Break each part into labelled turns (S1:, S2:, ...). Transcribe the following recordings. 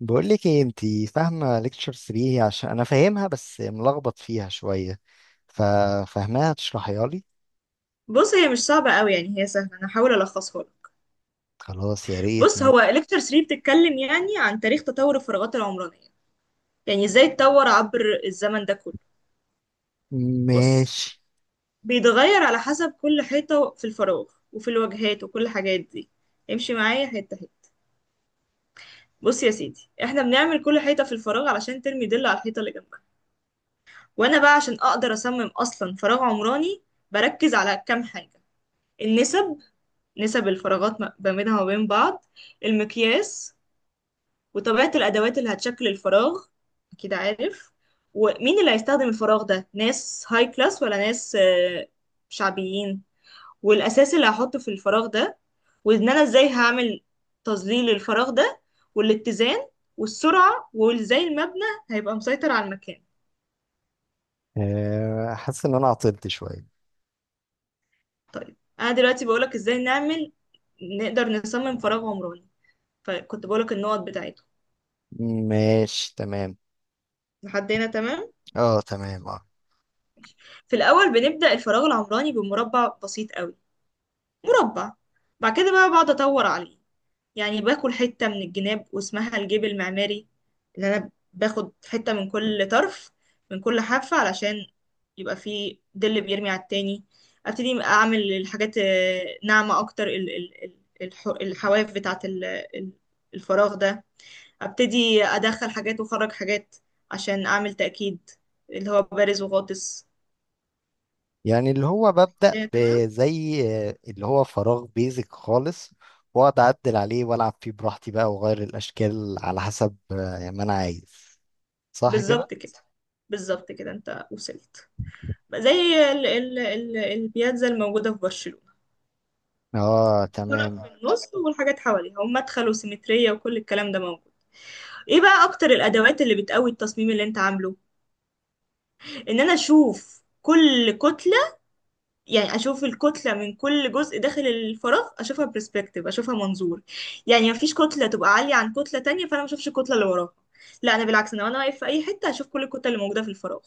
S1: بقول لك ايه، انتي فاهمه ليكتشر 3؟ عشان انا فاهمها بس ملخبط فيها شويه، ففاهماها تشرحيها لي.
S2: بص، هي مش صعبة قوي. يعني هي سهلة. أنا هحاول ألخصها لك.
S1: خلاص، يا ريت.
S2: بص، هو
S1: ماشي.
S2: ليكتشر 3 بتتكلم يعني عن تاريخ تطور الفراغات العمرانية. يعني إزاي اتطور عبر الزمن ده كله. بص،
S1: ماشي.
S2: بيتغير على حسب كل حيطة في الفراغ وفي الواجهات وكل الحاجات دي. امشي معايا حتة حتة. بص يا سيدي، احنا بنعمل كل حيطة في الفراغ علشان ترمي ضل على الحيطة اللي جنبها. وأنا بقى عشان أقدر أصمم أصلا فراغ عمراني بركز على كام حاجة: النسب، نسب الفراغات ما بينها وبين بعض، المقياس، وطبيعة الأدوات اللي هتشكل الفراغ، أكيد عارف، ومين اللي هيستخدم الفراغ ده، ناس هاي كلاس ولا ناس شعبيين، والأساس اللي هحطه في الفراغ ده، وإن أنا إزاي هعمل تظليل الفراغ ده، والاتزان، والسرعة، وإزاي المبنى هيبقى مسيطر على المكان.
S1: آه، حاسس ان انا عطلت شويه.
S2: طيب، أنا دلوقتي بقولك إزاي نعمل، نقدر نصمم فراغ عمراني. فكنت بقولك النقط بتاعته
S1: ماشي، تمام.
S2: لحد هنا، تمام.
S1: اه، تمام، اه.
S2: في الأول بنبدأ الفراغ العمراني بمربع بسيط أوي، مربع. بعد كده بقى بقعد أطور عليه. يعني باكل حتة من الجناب واسمها الجيب المعماري، اللي أنا باخد حتة من كل طرف، من كل حافة، علشان يبقى فيه ظل بيرمي على التاني. أبتدي أعمل الحاجات ناعمة أكتر. الحواف بتاعة ال- الفراغ ده. أبتدي أدخل حاجات وأخرج حاجات عشان أعمل تأكيد، اللي هو بارز وغاطس.
S1: يعني اللي هو ببدأ
S2: الدنيا تمام.
S1: بزي. آه، اللي هو فراغ بيزك خالص. واقعد اعدل عليه والعب فيه براحتي بقى، واغير الاشكال على حسب ما انا عايز. صح كده؟
S2: بالظبط كده. بالظبط كده، أنت وصلت. زي ال ال ال البياتزا الموجودة في برشلونة.
S1: اه،
S2: طرف في
S1: تمام.
S2: النص والحاجات حواليها، ومدخل وسيمترية، وكل الكلام ده موجود. ايه بقى اكتر الادوات اللي بتقوي التصميم اللي انت عامله؟ ان انا اشوف كل كتلة. يعني اشوف الكتلة من كل جزء داخل الفراغ، اشوفها برسبكتيف، اشوفها منظور. يعني مفيش كتلة تبقى عالية عن كتلة تانية فانا ما اشوفش الكتلة اللي وراها. لا، انا بالعكس، انا وانا واقف في اي حتة اشوف كل الكتل اللي موجودة في الفراغ.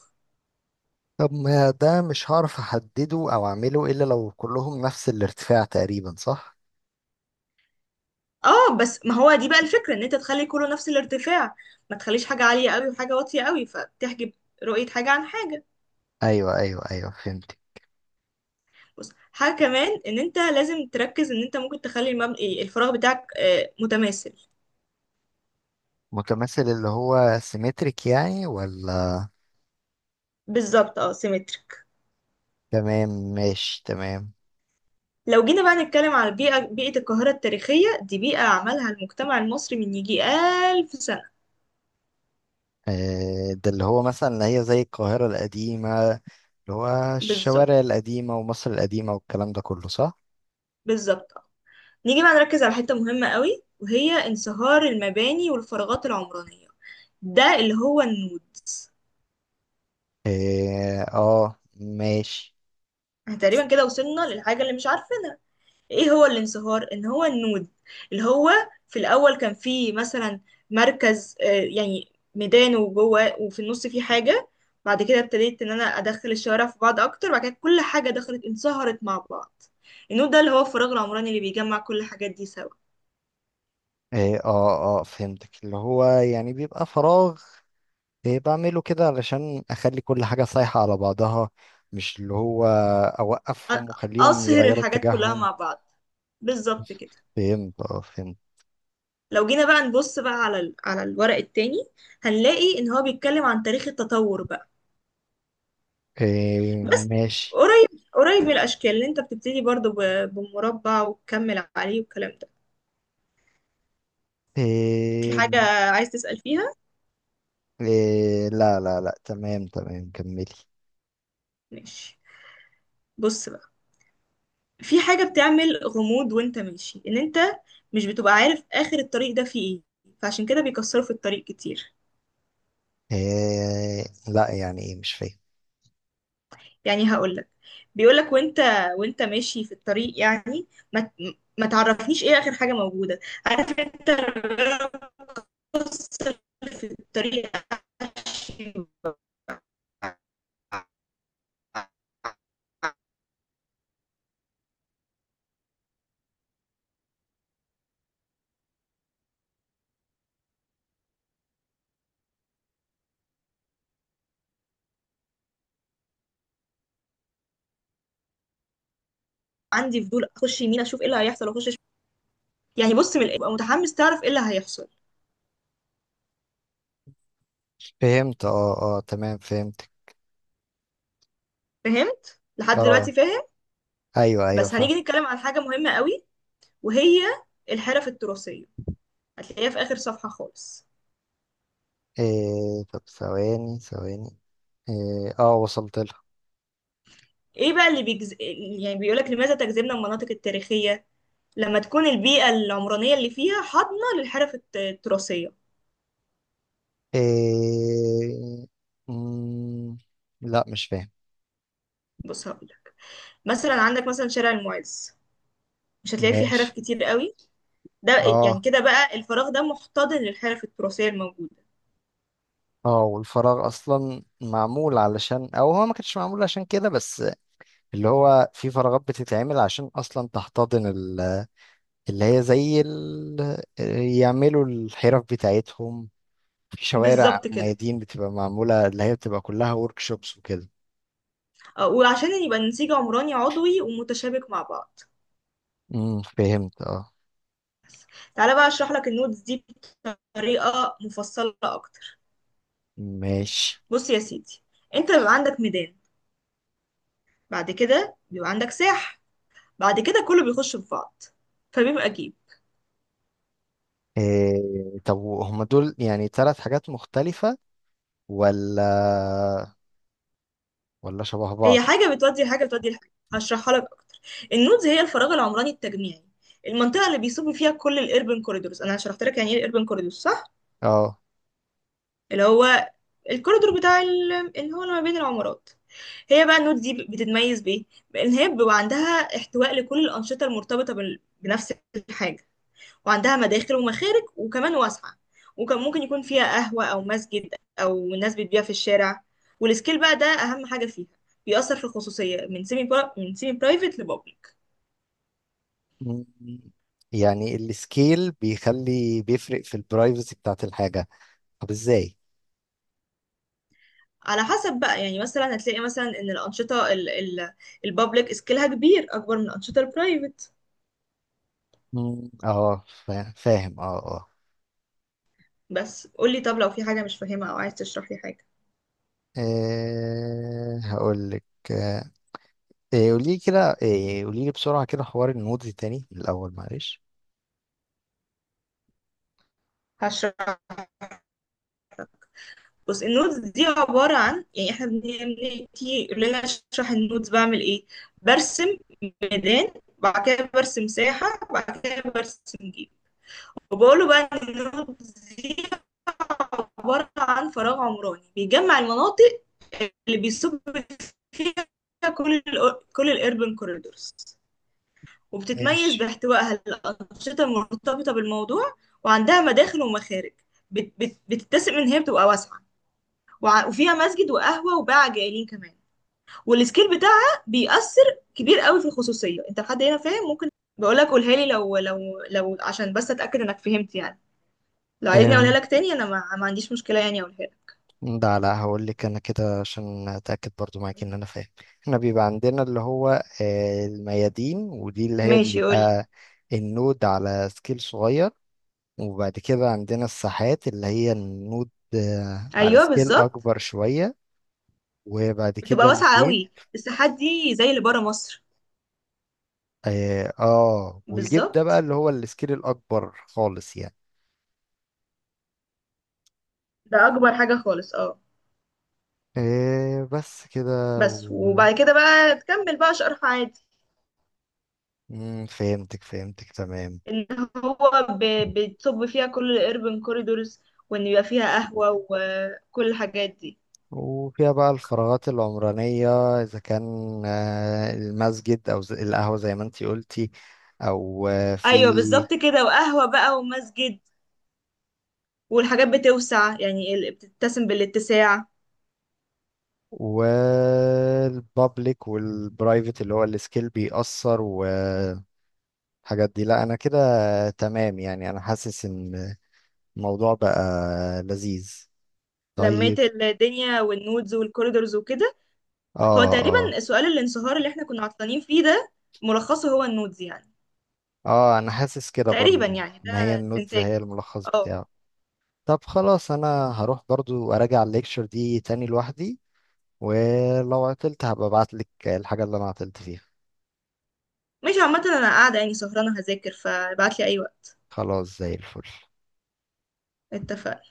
S1: طب ما ده مش هعرف احدده او اعمله الا لو كلهم نفس الارتفاع تقريبا، صح؟
S2: اه، بس ما هو دي بقى الفكرة، ان انت تخلي كله نفس الارتفاع. ما تخليش حاجة عالية قوي وحاجة واطية قوي فتحجب رؤية حاجة عن حاجة.
S1: ايوه، ايوه، ايوه، فهمت.
S2: بص، حاجة كمان، ان انت لازم تركز ان انت ممكن تخلي المبنى، الفراغ بتاعك، متماثل.
S1: متماثل اللي هو سيمتريك يعني، ولا؟
S2: بالظبط، اه، سيمتريك.
S1: تمام، ماشي، تمام.
S2: لو جينا بقى نتكلم على البيئة، بيئة القاهرة التاريخية، دي بيئة عملها المجتمع المصري من يجي ألف سنة.
S1: آه، ده اللي هو مثلا اللي هي زي القاهرة القديمة، اللي هو
S2: بالظبط.
S1: الشوارع القديمة ومصر القديمة والكلام ده كله، صح؟
S2: بالظبط، اه. نيجي بقى نركز على حتة مهمة قوي، وهي انصهار المباني والفراغات العمرانية. ده اللي هو النود.
S1: اه، آه، ماشي.
S2: تقريبا كده وصلنا للحاجة اللي مش عارفينها. ايه هو الانصهار؟ ان هو النود، اللي هو في الاول كان فيه مثلا مركز، يعني ميدان وجوه وفي النص فيه حاجة. بعد كده ابتديت ان انا ادخل الشوارع في بعض اكتر، بعد كده كل حاجة دخلت انصهرت مع بعض. النود ده اللي هو الفراغ العمراني اللي بيجمع كل الحاجات دي سوا.
S1: اه، اه، آه، فهمتك. اللي هو يعني بيبقى فراغ، إيه بعمله كده علشان اخلي كل حاجة صايحة على بعضها؟ مش اللي هو
S2: أ-
S1: اوقفهم واخليهم
S2: اصهر
S1: يغيروا
S2: الحاجات كلها
S1: اتجاههم؟
S2: مع بعض. بالظبط كده.
S1: فهمت، اه، فهمت.
S2: لو جينا بقى نبص بقى على على الورق التاني، هنلاقي ان هو بيتكلم عن تاريخ التطور بقى،
S1: إيه،
S2: بس
S1: ماشي.
S2: قريب قريب من الاشكال اللي انت بتبتدي برضو بمربع وتكمل عليه والكلام ده. في
S1: إيه.
S2: حاجة عايز تسأل فيها؟
S1: إيه، لا لا لا، تمام تمام، كملي.
S2: ماشي. بص بقى، في حاجة بتعمل غموض وانت ماشي، ان انت مش بتبقى عارف اخر الطريق ده فيه ايه. فعشان كده بيكسروا في الطريق كتير.
S1: إيه، لا، يعني ايه؟ مش فاهم.
S2: يعني هقول لك، بيقول لك وانت، وانت ماشي في الطريق يعني، ما ت- ما تعرفنيش ايه اخر حاجة موجودة. عارف انت لما بتكسر في الطريق، عشان عندي فضول اخش يمين اشوف ايه اللي هيحصل، اخش شمال. يعني بص، من ابقى متحمس تعرف ايه اللي هيحصل.
S1: فهمت، اه، اه، تمام، فهمتك.
S2: فهمت لحد دلوقتي،
S1: اه.
S2: فاهم؟
S1: ايوه، ايوه،
S2: بس
S1: فاهم.
S2: هنيجي نتكلم عن حاجه مهمه قوي، وهي الحرف التراثيه. هتلاقيها في اخر صفحه خالص.
S1: إيه، طب، ثواني، ثواني. إيه، اه، وصلت لها.
S2: ايه بقى اللي بيجز... يعني بيقولك لماذا تجذبنا المناطق التاريخيه. لما تكون البيئه العمرانيه اللي فيها حاضنه للحرف التراثيه.
S1: إيه. مم، لا، مش فاهم.
S2: بص هقولك، مثلا عندك مثلا شارع المعز، مش هتلاقي فيه حرف
S1: ماشي.
S2: كتير قوي ده. يعني
S1: اه.
S2: كده بقى الفراغ ده محتضن للحرف التراثيه الموجوده.
S1: اه، والفراغ اصلا معمول علشان، او هو ما كانش معمول عشان كده بس، اللي هو في فراغات بتتعمل عشان اصلا تحتضن اللي هي زي يعملوا الحرف بتاعتهم. في شوارع،
S2: بالظبط كده.
S1: ميادين بتبقى معمولة اللي هي بتبقى كلها ورك شوبس وكده.
S2: وعشان يبقى النسيج عمراني عضوي ومتشابك مع بعض.
S1: فهمت، اه.
S2: تعالى بقى اشرح لك النودز دي بطريقة مفصلة اكتر.
S1: ماشي.
S2: بص يا سيدي، انت بيبقى عندك ميدان، بعد كده بيبقى عندك ساح، بعد كده كله بيخش في بعض فبيبقى جيب.
S1: إيه، طب هما دول يعني ثلاث حاجات مختلفة، ولا ولا شبه
S2: هي
S1: بعض؟
S2: حاجة بتودي لحاجة بتودي لحاجة، هشرحها لك اكتر. النودز هي الفراغ العمراني التجميعي، المنطقة اللي بيصب فيها كل الاربن كوريدورز. انا شرحت لك يعني ايه الاربن كوريدورز، صح؟
S1: اه.
S2: اللي هو الكوريدور بتاع اللي هو اللي ما بين العمارات. هي بقى النوت دي بتتميز بايه؟ بان هي بيبقى عندها احتواء لكل الانشطه المرتبطه بنفس الحاجه، وعندها مداخل ومخارج، وكمان واسعه، وكان ممكن يكون فيها قهوه او مسجد، او الناس بتبيع في الشارع. والسكيل بقى ده اهم حاجه فيها. بيأثر في الخصوصيه، من سيمي برا... من سيمي برايفت لبابليك.
S1: مم. يعني السكيل بيخلي بيفرق في البرايفسي بتاعت الحاجة. طب، ازاي؟
S2: على حسب بقى، يعني مثلا هتلاقي مثلا ان الانشطه البابليك سكيلها كبير، اكبر من الانشطه البرايفت.
S1: مم. اه، فاهم، اه، اه.
S2: بس قولي، طب لو في حاجة مش فاهمة أو عايز تشرح لي حاجة.
S1: إيه، هقولك. آه. إيه، قولي لي كده، إيه، قولي لي بسرعة كده حوار النودز تاني من الأول، معلش.
S2: هشرح. بص النوتس دي عبارة عن، يعني احنا بنيجي يقول لنا اشرح النوتس، بعمل ايه؟ برسم ميدان، بعد كده برسم ساحة، بعد كده برسم جيب. وبقوله بقى ان النوتس دي عبارة عن فراغ عمراني بيجمع المناطق اللي بيصب فيها كل كل الاربن كوريدورز. وبتتميز
S1: ماشي.
S2: باحتوائها الأنشطة المرتبطة بالموضوع، وعندها مداخل ومخارج. بتتسم ان هي بتبقى واسعة، وفيها مسجد وقهوة وباعة جايلين كمان. والسكيل بتاعها بيأثر كبير قوي في الخصوصية. انت لحد هنا فاهم؟ ممكن بقول لك، قولها لي، لو لو عشان بس اتأكد انك فهمت يعني. لو عايزني اقولها
S1: إيه،
S2: لك تاني، انا ما عنديش مشكلة يعني، اقولها لك.
S1: ده لا، هقولك أنا كده عشان أتأكد برضو معاك إن أنا فاهم. احنا بيبقى عندنا اللي هو الميادين، ودي اللي هي
S2: ماشي، قول لي.
S1: بيبقى النود على سكيل صغير. وبعد كده عندنا الساحات اللي هي النود، على
S2: ايوه
S1: سكيل
S2: بالظبط.
S1: أكبر شوية. وبعد
S2: بتبقى
S1: كده
S2: واسعة
S1: الجيب.
S2: قوي الساحات دي زي اللي بره مصر.
S1: آه، آه، والجيب ده بقى
S2: بالظبط،
S1: اللي هو السكيل الأكبر خالص يعني.
S2: ده اكبر حاجة خالص، اه.
S1: آه، بس كده
S2: بس،
S1: و...
S2: وبعد كده بقى تكمل بقى شرح عادي.
S1: فهمتك، تمام.
S2: اللي هو بتصب فيها كل الاربن كوريدورز، وان يبقى فيها قهوة وكل الحاجات دي.
S1: وفيها بقى الفراغات العمرانية، إذا كان المسجد أو القهوة زي ما انتي قلتي، أو في.
S2: ايوه بالظبط كده، وقهوة بقى ومسجد. والحاجات بتوسع، يعني بتتسم بالاتساع.
S1: والبابليك والبرايفت، اللي هو السكيل بيأثر. الحاجات دي، لا، انا كده. تمام، يعني انا حاسس ان الموضوع بقى لذيذ.
S2: لميت
S1: طيب.
S2: الدنيا والنودز والكوريدورز وكده.
S1: اه،
S2: هو
S1: اه،
S2: تقريبا سؤال الانصهار اللي احنا كنا عطلانين فيه ده، ملخصه هو النودز يعني.
S1: اه، انا حاسس كده برضو.
S2: تقريبا يعني، ده
S1: ان هي النودز
S2: استنتاجي،
S1: هي الملخص
S2: اه.
S1: بتاعه. طب، خلاص، انا هروح برضو اراجع الليكشر دي تاني لوحدي. ولو عطلت هبقى ابعتلك الحاجة اللي انا عطلت فيها.
S2: مش عامة، انا قاعدة يعني سهرانة هذاكر، فابعتلي اي وقت.
S1: خلاص، زي الفل.
S2: اتفقنا.